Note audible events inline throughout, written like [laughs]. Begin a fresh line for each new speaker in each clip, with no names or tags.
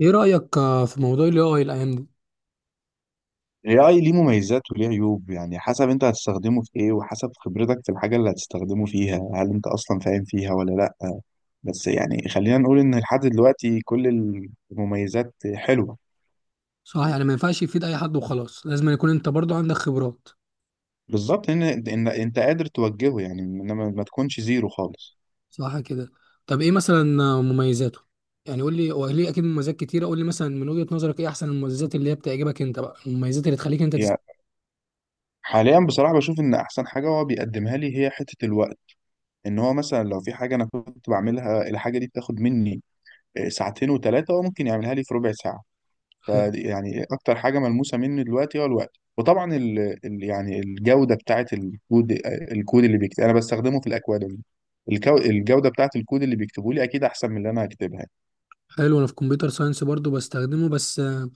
ايه رأيك في موضوع ال AI الايام دي؟
AI ليه مميزات وليه عيوب، يعني حسب انت هتستخدمه في ايه وحسب خبرتك في الحاجة اللي هتستخدمه فيها، هل انت اصلا فاهم فيها ولا لا. بس يعني خلينا نقول ان لحد دلوقتي كل المميزات حلوة.
صح، يعني ما ينفعش يفيد اي حد وخلاص، لازم يكون انت برضو عندك خبرات.
بالظبط، ان انت قادر توجهه، يعني انما ما تكونش زيرو خالص.
صح كده. طب ايه مثلا مميزاته؟ يعني قول لي، هو ليه اكيد مميزات كتيرة. قول لي مثلا من وجهة نظرك ايه احسن المميزات اللي هي بتعجبك انت بقى، المميزات اللي تخليك انت
يعني حاليا بصراحة بشوف ان احسن حاجة هو بيقدمها لي هي حتة الوقت. ان هو مثلا لو في حاجة انا كنت بعملها، الحاجة دي بتاخد مني ساعتين وثلاثة، هو ممكن يعملها لي في ربع ساعة.
حلو.
فدي يعني اكتر حاجه ملموسه مني دلوقتي هو الوقت. وطبعا ال يعني الجوده بتاعه الكود، الكود اللي بيكتب انا بستخدمه في الاكواديمي. الجوده بتاعه الكود اللي بيكتبوا لي اكيد احسن من اللي انا هكتبها.
حلو، انا في كمبيوتر ساينس برضو بستخدمه، بس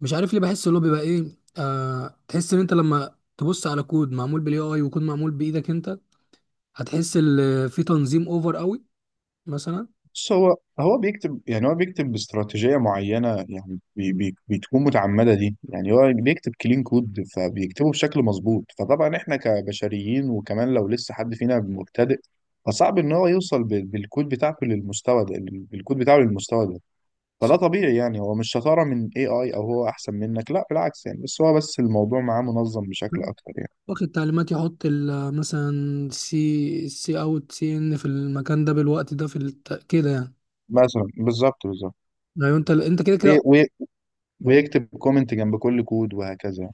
مش عارف ليه بحس اللي هو بيبقى ايه، تحس ان انت لما تبص على كود معمول بالاي اي وكود معمول بايدك انت، هتحس ان في تنظيم اوفر قوي مثلا.
بس هو بيكتب، يعني هو بيكتب باستراتيجيه معينه، يعني بتكون متعمده دي. يعني هو بيكتب كلين كود، فبيكتبه بشكل مظبوط. فطبعا احنا كبشريين، وكمان لو لسه حد فينا مبتدئ فصعب ان هو يوصل بالكود بتاعته للمستوى ده، بالكود بتاعه للمستوى ده. فده طبيعي، يعني هو مش شطارة من AI أو هو أحسن منك، لا بالعكس يعني. بس بس الموضوع معاه منظم بشكل أكتر يعني.
واخد تعليمات يحط مثلا سي سي اوت سي ان في المكان ده بالوقت ده في كده يعني.
مثلا، بالظبط بالظبط.
ايوه، انت كده كده.
وي- وي-
أهو.
ويكتب كومنت جنب كل كود وهكذا.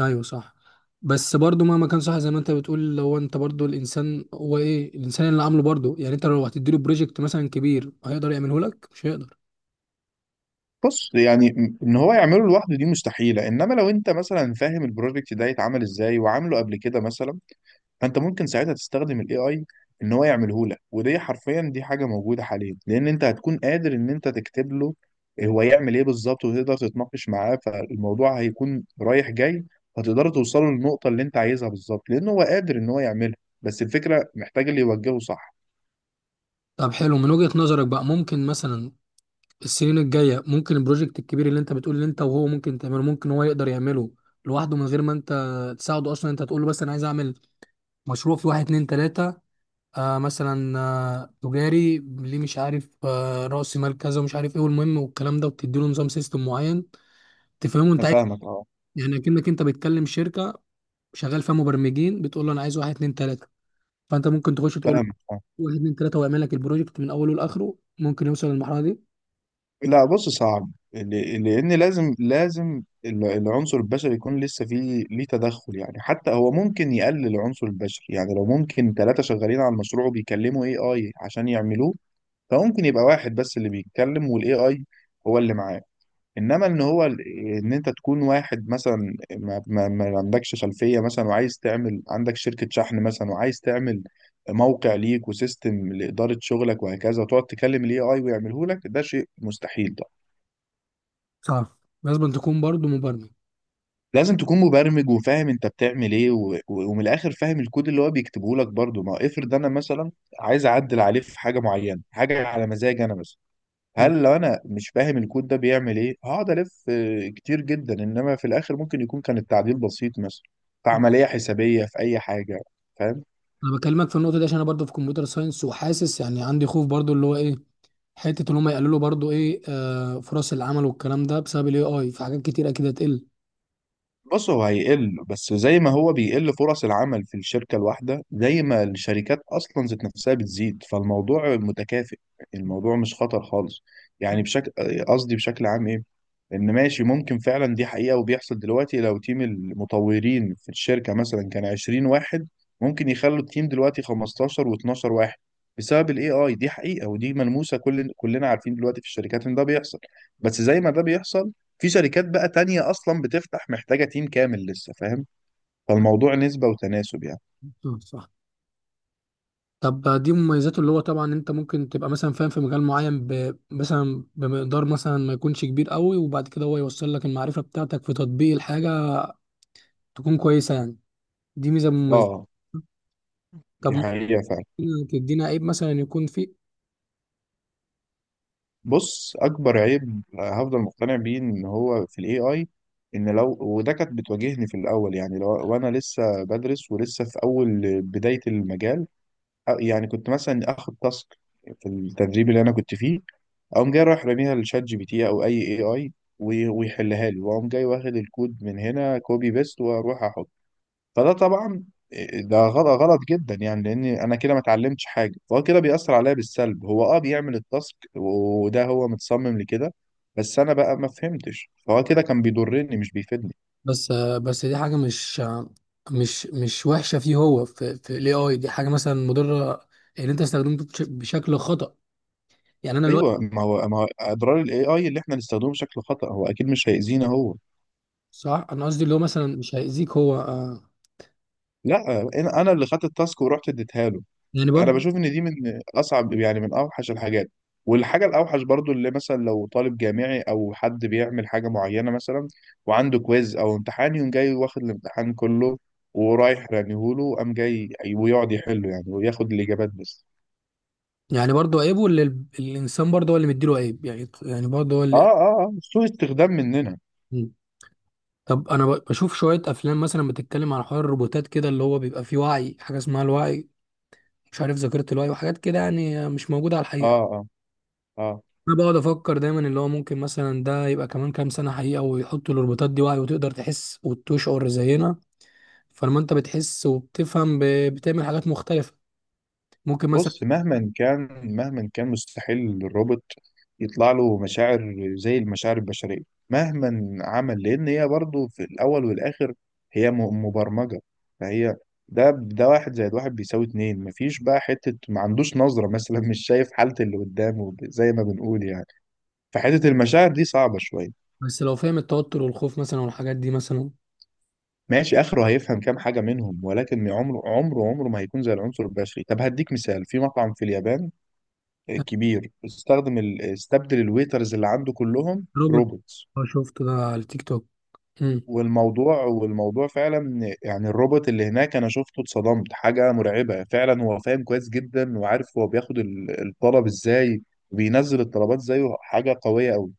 ايوه صح. بس برضو مهما كان، صح زي ما انت بتقول، لو انت برضو الانسان هو ايه الانسان اللي عامله برضو يعني، انت لو هتديله بروجكت مثلا كبير هيقدر يعمله لك؟ مش هيقدر.
بص يعني إن هو يعمله لوحده دي مستحيلة. إنما لو أنت مثلا فاهم البروجكت ده يتعمل إزاي وعامله قبل كده مثلا، فانت ممكن ساعتها تستخدم الاي اي ان هو يعمله لك. ودي حرفيا دي حاجه موجوده حاليا، لان انت هتكون قادر ان انت تكتب له هو يعمل ايه بالظبط، وتقدر تتناقش معاه. فالموضوع هيكون رايح جاي، هتقدروا توصلوا للنقطه اللي انت عايزها بالظبط، لان هو قادر ان هو يعملها. بس الفكره محتاج اللي يوجهه صح.
طب حلو، من وجهة نظرك بقى ممكن مثلا السنين الجاية، ممكن البروجكت الكبير اللي انت بتقول اللي انت وهو ممكن تعمله، ممكن هو يقدر يعمله لوحده من غير ما انت تساعده اصلا؟ انت تقول له بس انا عايز اعمل مشروع في واحد اتنين تلاتة، مثلا تجاري ليه مش عارف، رأس مال كذا ومش عارف ايه، والمهم والكلام ده، وبتدي له نظام سيستم معين تفهمه انت
انا
عايز
فاهمك اه.
إيه؟ يعني اكنك انت بتكلم شركة شغال فيها مبرمجين، بتقول له انا عايز واحد اتنين تلاتة، فانت ممكن تخش تقول له
فاهمك آه.
واحد اتنين تلاتة ويعمل لك البروجكت من اوله لاخره. ممكن يوصل للمرحلة دي؟
لا بص صعب، لان لازم لازم العنصر البشري يكون لسه فيه ليه تدخل. يعني حتى هو ممكن يقلل العنصر البشري، يعني لو ممكن ثلاثة شغالين على المشروع وبيكلموا اي اي عشان يعملوه، فممكن يبقى واحد بس اللي بيتكلم والاي اي هو اللي معاه. انما ان انت تكون واحد مثلا ما عندكش خلفية مثلا، وعايز تعمل عندك شركة شحن مثلا، وعايز تعمل موقع ليك وسيستم لإدارة شغلك وهكذا، وتقعد تكلم الاي اي ويعمله لك، ده شيء مستحيل.
صح. لازم تكون برضو مبرمج.
لازم تكون مبرمج وفاهم انت بتعمل ايه ومن الاخر فاهم الكود اللي هو بيكتبه لك برضه. ما هو افرض انا مثلا عايز اعدل عليه في حاجه معينه، حاجه على مزاجي انا مثلا،
م.
هل لو انا مش فاهم الكود ده بيعمل ايه هقعد الف كتير جدا، انما في الاخر ممكن يكون كان التعديل بسيط مثلا، في عمليه حسابيه، في اي حاجه. فاهم.
انا بكلمك في النقطة دي عشان انا برضو في كمبيوتر ساينس، وحاسس يعني عندي خوف برضو اللي هو ايه، حتة اللي هم يقللوا برضو ايه فرص العمل والكلام ده بسبب الاي اي، في حاجات كتير اكيد هتقل.
بص هو هيقل، بس زي ما هو بيقل فرص العمل في الشركة الواحدة، زي ما الشركات أصلا ذات نفسها بتزيد، فالموضوع متكافئ. يعني الموضوع مش خطر خالص يعني. بشكل، بشكل عام إيه، إن ماشي ممكن فعلا دي حقيقة وبيحصل دلوقتي. لو تيم المطورين في الشركة مثلا كان 20 واحد، ممكن يخلوا التيم دلوقتي 15 و12 واحد بسبب الاي اي. دي حقيقة ودي ملموسة، كلنا عارفين دلوقتي في الشركات ان ده بيحصل. بس زي ما ده بيحصل، في شركات بقى تانية أصلا بتفتح محتاجة تيم كامل لسه، فاهم؟ فالموضوع نسبة وتناسب يعني.
مم، صح. طب دي مميزاته، اللي هو طبعا انت ممكن تبقى مثلا فاهم في مجال معين مثلا بمقدار مثلا ما يكونش كبير قوي، وبعد كده هو يوصل لك المعرفة بتاعتك في تطبيق الحاجة تكون كويسة يعني. دي ميزة مميزة.
اه
طب
دي حقيقة فعلا.
ممكن تدينا عيب مثلا يكون فيه؟
بص أكبر عيب هفضل مقتنع بيه إن هو في ال AI، إن لو وده كانت بتواجهني في الأول، يعني لو وأنا لسه بدرس ولسه في أول بداية المجال، يعني كنت مثلا آخد تاسك في التدريب اللي أنا كنت فيه، أقوم جاي رايح راميها لشات جي بي تي أو أي AI، ويحلها لي، وأقوم جاي واخد الكود من هنا كوبي بيست وأروح أحط. فده طبعا ده غلط جدا، يعني لان انا كده ما اتعلمتش حاجه. فهو كده بيأثر عليا بالسلب. هو اه بيعمل التاسك وده هو متصمم لكده، بس انا بقى ما فهمتش، فهو كده كان بيضرني مش بيفيدني.
بس بس دي حاجة مش وحشة فيه، هو في الاي اي دي حاجة مثلا مضرة ان انت استخدمته بشكل خطأ. يعني انا الوقت.
ايوه، ما هو اضرار الاي اي اللي احنا نستخدمه بشكل خطأ، هو اكيد مش هيأذينا هو.
صح، انا قصدي اللي هو مثلا مش هيأذيك هو
لا انا، أنا اللي خدت التاسك ورحت اديتها له.
يعني
انا
برضه.
بشوف ان دي من اصعب، يعني من اوحش الحاجات. والحاجه الاوحش برضو، اللي مثلا لو طالب جامعي او حد بيعمل حاجه معينه مثلا، وعنده كويز او امتحان، يقوم جاي واخد الامتحان كله ورايح رميهوله، قام جاي ويقعد يحله يعني وياخد الاجابات بس.
يعني برضه عيب، واللي الانسان برضه هو اللي مديله عيب يعني، يعني برضه هو
اه
اللي.
اه اه، سوء استخدام مننا.
مم. طب انا بشوف شويه افلام مثلا بتتكلم عن حوار الروبوتات كده، اللي هو بيبقى فيه وعي، حاجه اسمها الوعي، مش عارف ذاكره الوعي وحاجات كده، يعني مش موجوده على
اه
الحقيقه.
اه اه.
انا بقعد افكر دايما اللي هو ممكن مثلا ده يبقى كمان كام سنه حقيقه، ويحطوا الروبوتات دي وعي، وتقدر تحس وتشعر زينا، فلما انت بتحس وبتفهم بتعمل حاجات مختلفه ممكن مثلا.
بص مهما كان، مهما كان مستحيل للروبوت يطلع له مشاعر زي المشاعر البشرية مهما عمل، لأن هي برضه في الأول والآخر هي مبرمجة. فهي، ده ده واحد زائد واحد بيساوي اتنين، مفيش بقى حتة. ما عندوش نظرة [laughs] مثلا، مش شايف حالة اللي قدامه زي ما بنقول يعني. فحتة المشاعر دي صعبة شوية.
بس لو فاهم التوتر والخوف مثلا والحاجات دي مثلا.
ماشي، آخره هيفهم كام حاجة منهم، ولكن عمره عمره ما هيكون زي العنصر البشري. طب هديك مثال، في مطعم في اليابان كبير استخدم استبدل الويترز اللي عنده كلهم
روبوت.
روبوتس.
اه، شفته ده على التيك توك.
والموضوع فعلا يعني الروبوت اللي هناك انا شفته اتصدمت، حاجة مرعبة فعلا. هو فاهم كويس جدا وعارف هو بياخد الطلب ازاي وبينزل الطلبات زيه، حاجة قوية قوي.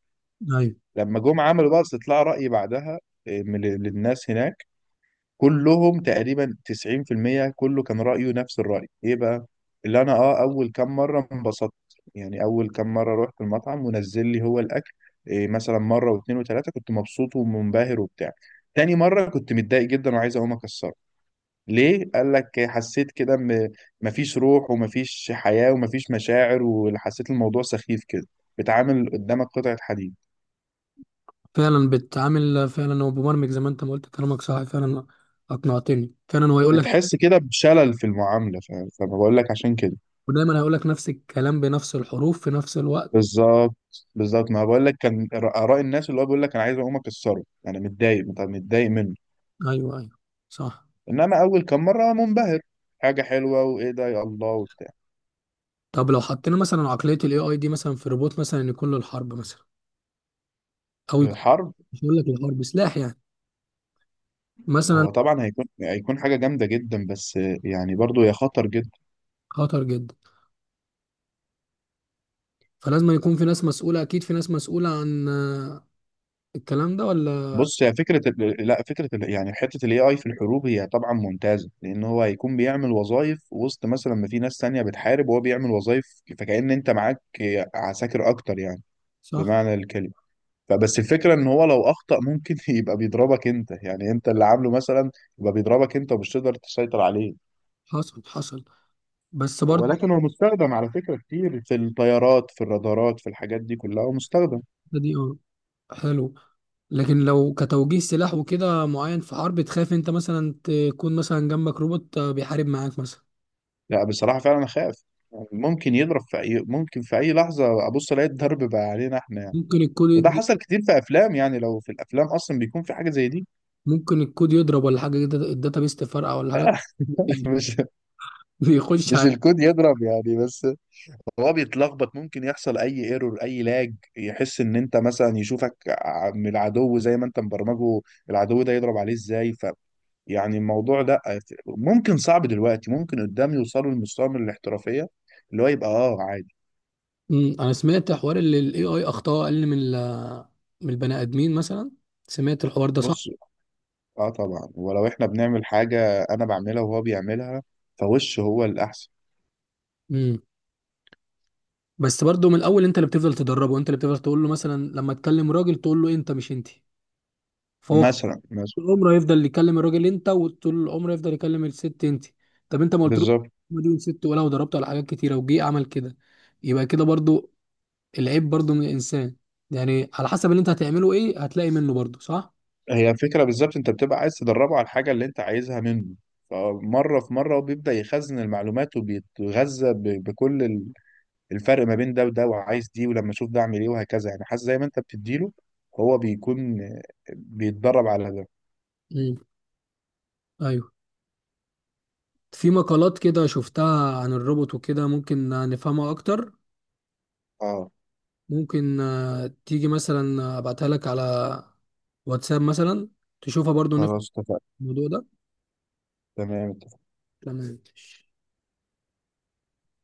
امم.
لما جم عملوا بقى استطلاع رأي بعدها، إيه، من للناس هناك، كلهم تقريبا 90% كله كان رأيه نفس الرأي. ايه بقى؟ اللي انا اه اول كام مرة انبسطت، يعني اول كام مرة رحت المطعم ونزل لي هو الاكل، إيه، مثلا مرة واثنين وثلاثة كنت مبسوط ومنبهر وبتاع. تاني مرة كنت متضايق جدا وعايز اقوم اكسره. ليه؟ قال لك حسيت كده مفيش روح، ومفيش حياة، ومفيش مشاعر، وحسيت الموضوع سخيف كده. بتعامل قدامك قطعة حديد.
فعلا بتعامل، فعلا هو مبرمج زي ما انت ما قلت، كلامك صح فعلا، اقنعتني فعلا. هو يقول لك.
بتحس كده بشلل في المعاملة فبقول لك عشان كده.
ودايما هيقول لك نفس الكلام بنفس الحروف في نفس الوقت.
بالظبط، بالظبط ما بقول لك كان اراء الناس اللي هو بيقول لك انا عايز اقوم اكسره، انا متضايق، متضايق منه.
ايوه، ايوه. صح.
انما اول كام مره منبهر، حاجه حلوه وايه ده يا الله وبتاع.
طب لو حطينا مثلا عقليه الاي اي دي مثلا في روبوت مثلا، يكون له الحرب مثلا، او يكون،
الحرب،
مش هقول لك الحرب، سلاح يعني مثلا.
هو طبعا هيكون حاجه جامده جدا، بس يعني برضو هي خطر جدا.
خطر جدا. فلازم يكون في ناس مسؤوله، اكيد في ناس مسؤوله عن الكلام ده ولا؟
بص هي لا، يعني حته الاي اي في الحروب هي طبعا ممتازه، لان هو هيكون بيعمل وظائف وسط مثلا ما في ناس تانية بتحارب وهو بيعمل وظائف. فكأن انت معاك عساكر اكتر يعني،
صح.
بمعنى الكلمه. فبس الفكرة ان هو لو اخطأ ممكن [laughs] يبقى بيضربك انت، يعني انت اللي عامله مثلا يبقى بيضربك انت ومش تقدر تسيطر عليه.
حصل حصل. بس برضه.
ولكن هو مستخدم على فكرة كتير في الطيارات، في الرادارات، في الحاجات دي كلها هو مستخدم.
الحتة دي اه. حلو. لكن لو كتوجيه سلاح وكده معين في حرب، تخاف انت مثلا تكون مثلا جنبك روبوت بيحارب معاك مثلا؟
لا بصراحة فعلا اخاف. يعني ممكن يضرب في اي، ممكن في اي لحظة ابص الاقي الضرب بقى علينا احنا يعني.
ممكن الكود
وده
يدي.
حصل كتير في افلام، يعني لو في الافلام اصلا بيكون في حاجة زي دي.
ممكن الكود يضرب ولا حاجه كده، الداتابيس تفرقع ولا حاجه.
[laughs]
[laughs]
مش
بيخش
مش
على.
الكود يضرب يعني، بس هو بيتلخبط، ممكن يحصل اي ايرور، اي لاج، يحس ان انت مثلا، يشوفك من العدو زي ما انت مبرمجه العدو ده يضرب عليه ازاي. ف يعني الموضوع ده ممكن صعب دلوقتي، ممكن قدام يوصلوا لمستوى من الاحترافية اللي هو يبقى اه عادي.
مم، انا سمعت حوار ان الاي اي اخطاء اقل من من البني ادمين مثلا، سمعت الحوار ده؟ صح.
بص اه طبعا، ولو احنا بنعمل حاجة انا بعملها وهو بيعملها، فوش هو الاحسن.
امم. بس برضه من الاول انت اللي بتفضل تدربه، انت اللي بتفضل تقول له، مثلا لما تكلم راجل تقول له انت، مش انت، فهو
مثلا، مثلا،
العمر هيفضل يكلم الراجل انت، وطول العمر يفضل يكلم الست انت. طب انت ما قلتلوش
بالظبط.
ما دي ست، ولا وضربته على حاجات كتيره وجي عمل كده؟ يبقى كده برضو العيب برضو من الانسان، يعني على حسب اللي انت هتعمله ايه هتلاقي منه برضو. صح.
هي الفكرة بالظبط، انت بتبقى عايز تدربه على الحاجة اللي انت عايزها منه، فمرة في مرة، وبيبدأ يخزن المعلومات وبيتغذى بكل الفرق ما بين ده وده، وعايز دي، ولما اشوف ده اعمل ايه وهكذا يعني. حاسس زي ما انت بتديله هو بيكون بيتدرب على ده.
امم. ايوه. في مقالات كده شفتها عن الروبوت وكده، ممكن نفهمها اكتر.
اه.
ممكن تيجي مثلا ابعتها لك على واتساب مثلا، تشوفها برضو نفهم
خلاص اتفقنا.
الموضوع ده.
تمام.
تمام.